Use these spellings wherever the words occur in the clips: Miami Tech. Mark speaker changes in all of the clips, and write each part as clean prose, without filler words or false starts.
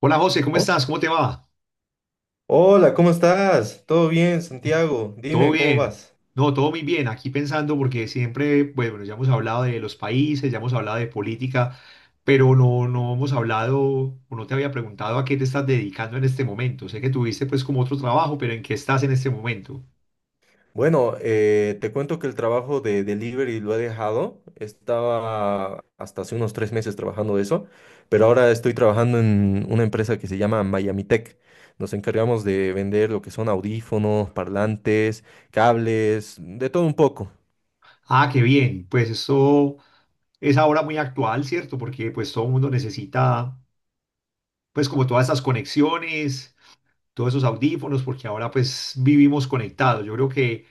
Speaker 1: Hola José, ¿cómo
Speaker 2: Oh,
Speaker 1: estás? ¿Cómo te va?
Speaker 2: hola, ¿cómo estás? ¿Todo bien, Santiago?
Speaker 1: ¿Todo
Speaker 2: Dime, ¿cómo
Speaker 1: bien?
Speaker 2: vas?
Speaker 1: No, todo muy bien. Aquí pensando porque siempre, pues, bueno, ya hemos hablado de los países, ya hemos hablado de política, pero no hemos hablado o no te había preguntado a qué te estás dedicando en este momento. Sé que tuviste pues como otro trabajo, pero ¿en qué estás en este momento?
Speaker 2: Bueno, te cuento que el trabajo de delivery lo he dejado. Estaba hasta hace unos 3 meses trabajando de eso, pero ahora estoy trabajando en una empresa que se llama Miami Tech. Nos encargamos de vender lo que son audífonos, parlantes, cables, de todo un poco.
Speaker 1: Ah, qué bien. Pues esto es ahora muy actual, ¿cierto? Porque pues todo el mundo necesita pues como todas esas conexiones, todos esos audífonos, porque ahora pues vivimos conectados. Yo creo que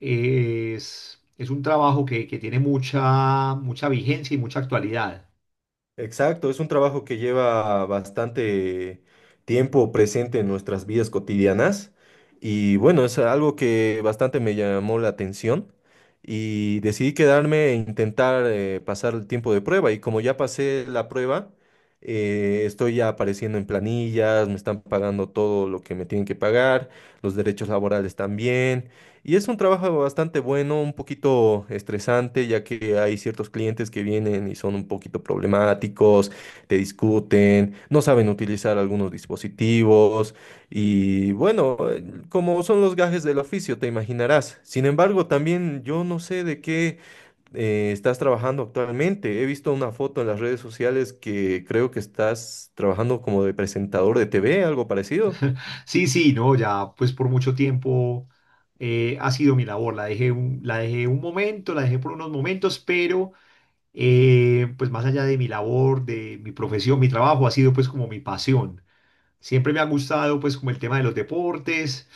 Speaker 1: es un trabajo que tiene mucha, mucha vigencia y mucha actualidad.
Speaker 2: Exacto, es un trabajo que lleva bastante tiempo presente en nuestras vidas cotidianas y bueno, es algo que bastante me llamó la atención y decidí quedarme e intentar pasar el tiempo de prueba y como ya pasé la prueba, estoy ya apareciendo en planillas, me están pagando todo lo que me tienen que pagar, los derechos laborales también. Y es un trabajo bastante bueno, un poquito estresante, ya que hay ciertos clientes que vienen y son un poquito problemáticos, te discuten, no saben utilizar algunos dispositivos y bueno, como son los gajes del oficio, te imaginarás. Sin embargo, también yo no sé de qué estás trabajando actualmente. He visto una foto en las redes sociales que creo que estás trabajando como de presentador de TV, algo parecido.
Speaker 1: Sí, sí, no, ya pues por mucho tiempo ha sido mi labor. La dejé un momento, la dejé por unos momentos, pero pues más allá de mi labor, de mi profesión, mi trabajo ha sido pues como mi pasión. Siempre me ha gustado pues como el tema de los deportes,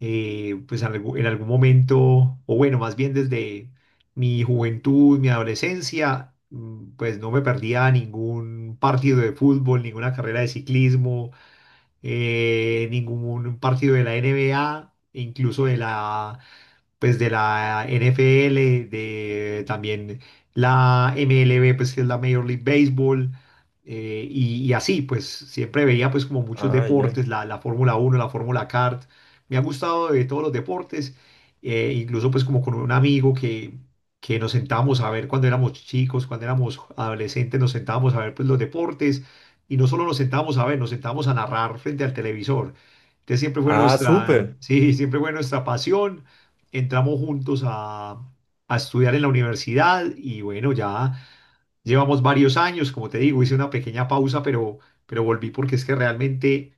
Speaker 1: pues en algún momento, o bueno, más bien desde mi juventud, mi adolescencia, pues no me perdía ningún partido de fútbol, ninguna carrera de ciclismo, ningún partido de la N B NBA, incluso de la pues de la NFL, de también la MLB, pues que es la Major League Baseball, y así, pues siempre veía pues como muchos
Speaker 2: Ah, ya.
Speaker 1: deportes, la Fórmula Uno, la Fórmula Kart, me ha gustado de todos los deportes, incluso pues como con un amigo que nos sentábamos a ver cuando éramos chicos, cuando éramos adolescentes, nos sentábamos a ver pues los deportes, y no solo nos sentábamos a ver, nos sentábamos a narrar frente al televisor. Entonces
Speaker 2: Ah, súper.
Speaker 1: sí, siempre fue nuestra pasión. Entramos juntos a, estudiar en la universidad y bueno, ya llevamos varios años, como te digo, hice una pequeña pausa, pero, volví porque es que realmente,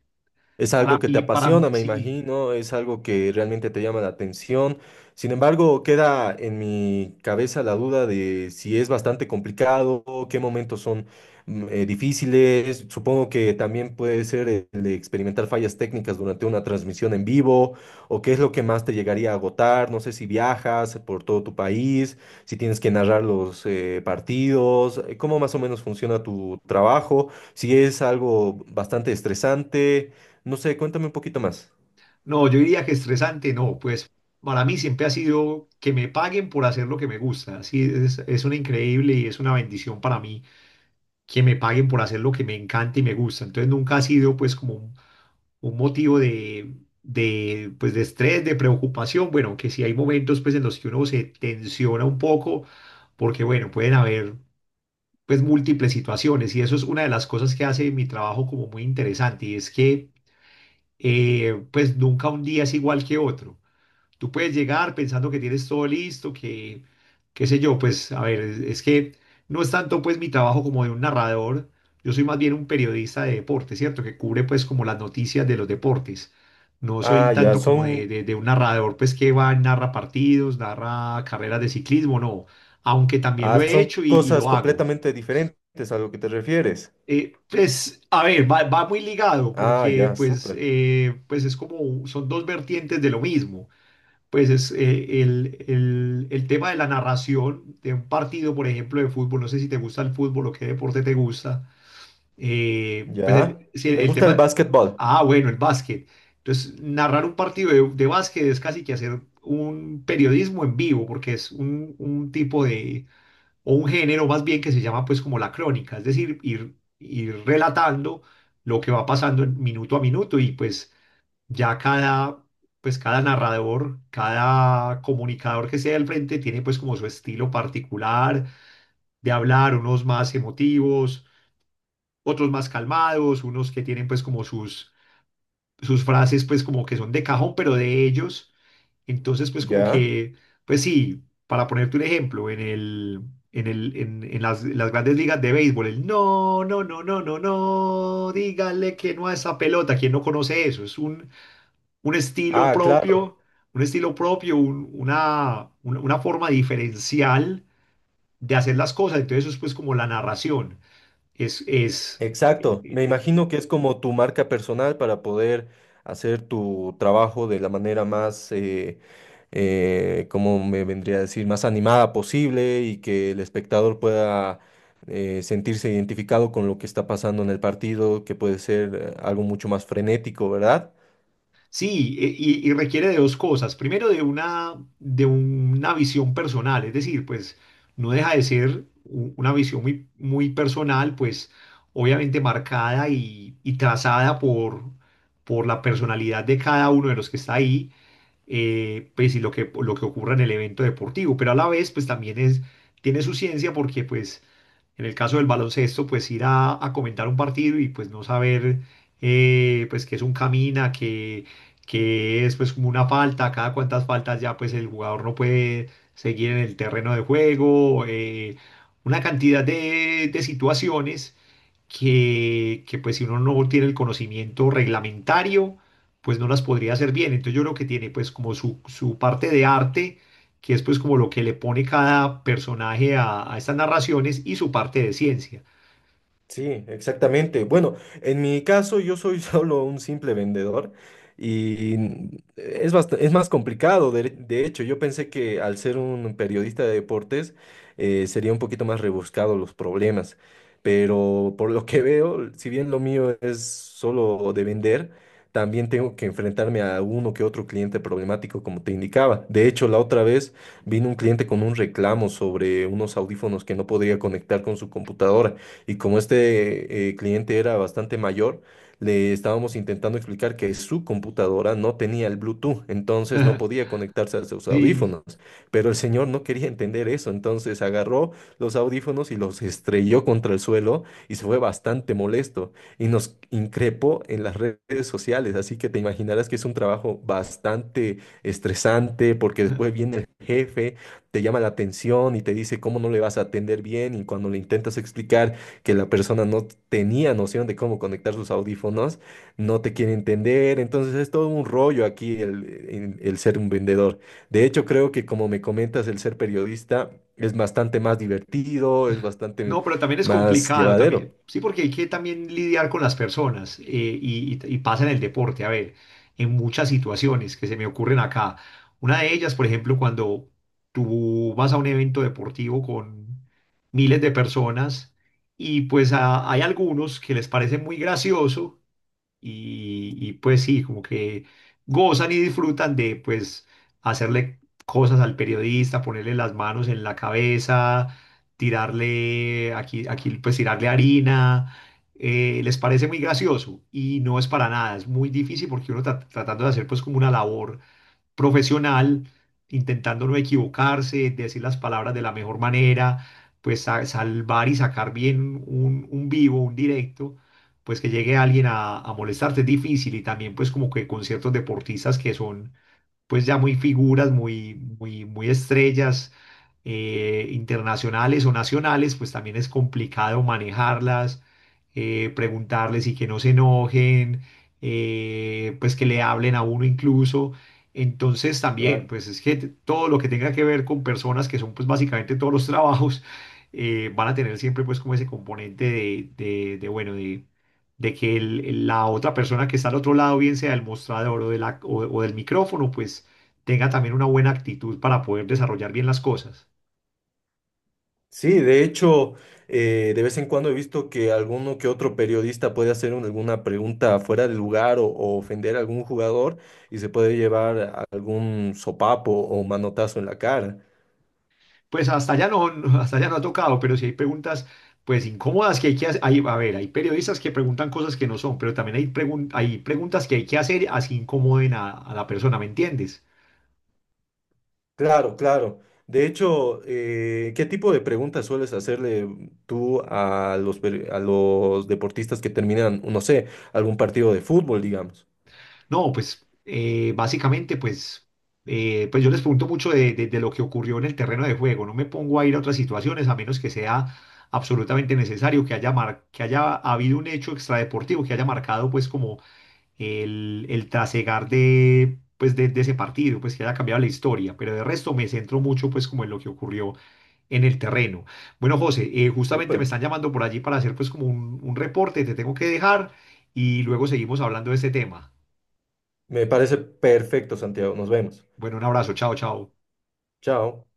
Speaker 2: Es algo que te
Speaker 1: para mí,
Speaker 2: apasiona, me
Speaker 1: sí,
Speaker 2: imagino, es algo que realmente te llama la atención. Sin embargo, queda en mi cabeza la duda de si es bastante complicado, qué momentos son difíciles. Supongo que también puede ser el de experimentar fallas técnicas durante una transmisión en vivo, o qué es lo que más te llegaría a agotar. No sé si viajas por todo tu país, si tienes que narrar los partidos, cómo más o menos funciona tu trabajo, si es algo bastante estresante. No sé, cuéntame un poquito más.
Speaker 1: no, yo diría que estresante, no, pues para mí siempre ha sido que me paguen por hacer lo que me gusta, sí, es una increíble y es una bendición para mí que me paguen por hacer lo que me encanta y me gusta, entonces nunca ha sido pues como un motivo de pues, de estrés, de preocupación. Bueno, que si hay momentos pues, en los que uno se tensiona un poco, porque bueno, pueden haber pues, múltiples situaciones y eso es una de las cosas que hace mi trabajo como muy interesante y es que pues nunca un día es igual que otro. Tú puedes llegar pensando que tienes todo listo, qué sé yo, pues a ver, es que no es tanto pues mi trabajo como de un narrador, yo soy más bien un periodista de deporte, ¿cierto? Que cubre pues como las noticias de los deportes. No soy
Speaker 2: Ah, ya,
Speaker 1: tanto como
Speaker 2: son,
Speaker 1: de un narrador pues que va, narra partidos, narra carreras de ciclismo, no, aunque también
Speaker 2: ah,
Speaker 1: lo he
Speaker 2: son
Speaker 1: hecho y
Speaker 2: cosas
Speaker 1: lo hago.
Speaker 2: completamente diferentes a lo que te refieres.
Speaker 1: Pues, a ver, va muy ligado
Speaker 2: Ah,
Speaker 1: porque
Speaker 2: ya,
Speaker 1: pues,
Speaker 2: súper.
Speaker 1: pues es como, son dos vertientes de lo mismo, pues es el tema de la narración de un partido, por ejemplo, de fútbol. No sé si te gusta el fútbol o qué deporte te gusta. Pues
Speaker 2: Ya.
Speaker 1: si
Speaker 2: Me
Speaker 1: el
Speaker 2: gusta el
Speaker 1: tema.
Speaker 2: básquetbol.
Speaker 1: Ah, bueno, el básquet. Entonces, narrar un partido de básquet es casi que hacer un periodismo en vivo, porque es un tipo de, o un género más bien, que se llama pues como la crónica, es decir, ir relatando lo que va pasando en minuto a minuto y pues ya cada narrador, cada comunicador que sea al frente tiene pues como su estilo particular de hablar, unos más emotivos, otros más calmados, unos que tienen pues como sus frases pues como que son de cajón, pero de ellos. Entonces pues como
Speaker 2: Ya.
Speaker 1: que, pues sí, para ponerte un ejemplo, en las grandes ligas de béisbol, el no, no, no, no, no, no, dígale que no a esa pelota, ¿quién no conoce eso? Es un estilo
Speaker 2: Ah, claro.
Speaker 1: propio, un estilo propio, una forma diferencial de hacer las cosas. Entonces eso es pues como la narración. Es, es, eh,
Speaker 2: Exacto, me imagino
Speaker 1: eh,
Speaker 2: que es como tu marca personal para poder hacer tu trabajo de la manera más, como me vendría a decir, más animada posible y que el espectador pueda sentirse identificado con lo que está pasando en el partido, que puede ser algo mucho más frenético, ¿verdad?
Speaker 1: sí, y requiere de dos cosas. Primero de una visión personal, es decir, pues no deja de ser una visión muy, muy personal, pues obviamente marcada y trazada por la personalidad de cada uno de los que está ahí, pues y lo que ocurra en el evento deportivo, pero a la vez pues también tiene su ciencia porque pues en el caso del baloncesto pues ir a comentar un partido y pues no saber pues que es un camina, que, es pues como una falta, cada cuantas faltas ya pues el jugador no puede seguir en el terreno de juego, una cantidad de situaciones que pues si uno no tiene el conocimiento reglamentario, pues no las podría hacer bien. Entonces yo creo que tiene pues como su parte de arte, que es pues como lo que le pone cada personaje a estas narraciones, y su parte de ciencia.
Speaker 2: Sí, exactamente. Bueno, en mi caso yo soy solo un simple vendedor y es más complicado. De hecho, yo pensé que al ser un periodista de deportes sería un poquito más rebuscado los problemas, pero por lo que veo, si bien lo mío es solo de vender, también tengo que enfrentarme a uno que otro cliente problemático, como te indicaba. De hecho, la otra vez vino un cliente con un reclamo sobre unos audífonos que no podía conectar con su computadora. Y como este cliente era bastante mayor, le estábamos intentando explicar que su computadora no tenía el Bluetooth, entonces no podía conectarse a sus
Speaker 1: Sí.
Speaker 2: audífonos. Pero el señor no quería entender eso, entonces agarró los audífonos y los estrelló contra el suelo y se fue bastante molesto y nos increpó en las redes sociales. Así que te imaginarás que es un trabajo bastante estresante porque después viene el jefe, te llama la atención y te dice cómo no le vas a atender bien y cuando le intentas explicar que la persona no tenía noción de cómo conectar sus audífonos, no te quiere entender, entonces es todo un rollo aquí el ser un vendedor. De hecho, creo que como me comentas, el ser periodista es bastante más divertido, es bastante
Speaker 1: No, pero también es
Speaker 2: más
Speaker 1: complicado,
Speaker 2: llevadero.
Speaker 1: también, sí, porque hay que también lidiar con las personas, y pasa en el deporte, a ver, en muchas situaciones que se me ocurren acá. Una de ellas, por ejemplo, cuando tú vas a un evento deportivo con miles de personas y pues hay algunos que les parece muy gracioso y pues sí, como que gozan y disfrutan de pues hacerle cosas al periodista, ponerle las manos en la cabeza, tirarle aquí, aquí pues tirarle harina. Les parece muy gracioso y no es para nada, es muy difícil porque uno tratando de hacer pues como una labor profesional, intentando no equivocarse, decir las palabras de la mejor manera, pues salvar y sacar bien un vivo, un directo, pues que llegue alguien a, molestarte es difícil, y también pues como que con ciertos deportistas que son pues ya muy figuras, muy, muy, muy estrellas, internacionales o nacionales, pues también es complicado manejarlas, preguntarles y que no se enojen, pues que le hablen a uno incluso. Entonces también,
Speaker 2: Claro.
Speaker 1: pues es que todo lo que tenga que ver con personas, que son pues básicamente todos los trabajos, van a tener siempre pues como ese componente bueno, de que la otra persona que está al otro lado, bien sea del mostrador o, de la- o del micrófono, pues tenga también una buena actitud para poder desarrollar bien las cosas.
Speaker 2: Sí, de hecho, de vez en cuando he visto que alguno que otro periodista puede hacer alguna pregunta fuera de lugar o ofender a algún jugador y se puede llevar algún sopapo o manotazo en la cara.
Speaker 1: Pues hasta allá no. Hasta allá no ha tocado, pero si hay preguntas pues incómodas que hay que hacer. A ver, hay periodistas que preguntan cosas que no son, pero también hay preguntas que hay que hacer, así incomoden a la persona, ¿me entiendes?
Speaker 2: Claro, claro. De hecho, ¿qué tipo de preguntas sueles hacerle tú a a los deportistas que terminan, no sé, algún partido de fútbol, digamos?
Speaker 1: No, pues básicamente, pues, pues yo les pregunto mucho de lo que ocurrió en el terreno de juego. No me pongo a ir a otras situaciones a menos que sea absolutamente necesario, que haya, que haya habido un hecho extradeportivo que haya marcado pues como el trasegar pues, de ese partido, pues que haya cambiado la historia. Pero de resto me centro mucho pues como en lo que ocurrió en el terreno. Bueno, José, justamente me
Speaker 2: Súper.
Speaker 1: están llamando por allí para hacer pues como un reporte. Te tengo que dejar y luego seguimos hablando de este tema.
Speaker 2: Me parece perfecto, Santiago. Nos vemos.
Speaker 1: Bueno, un abrazo, chao, chao.
Speaker 2: Chao.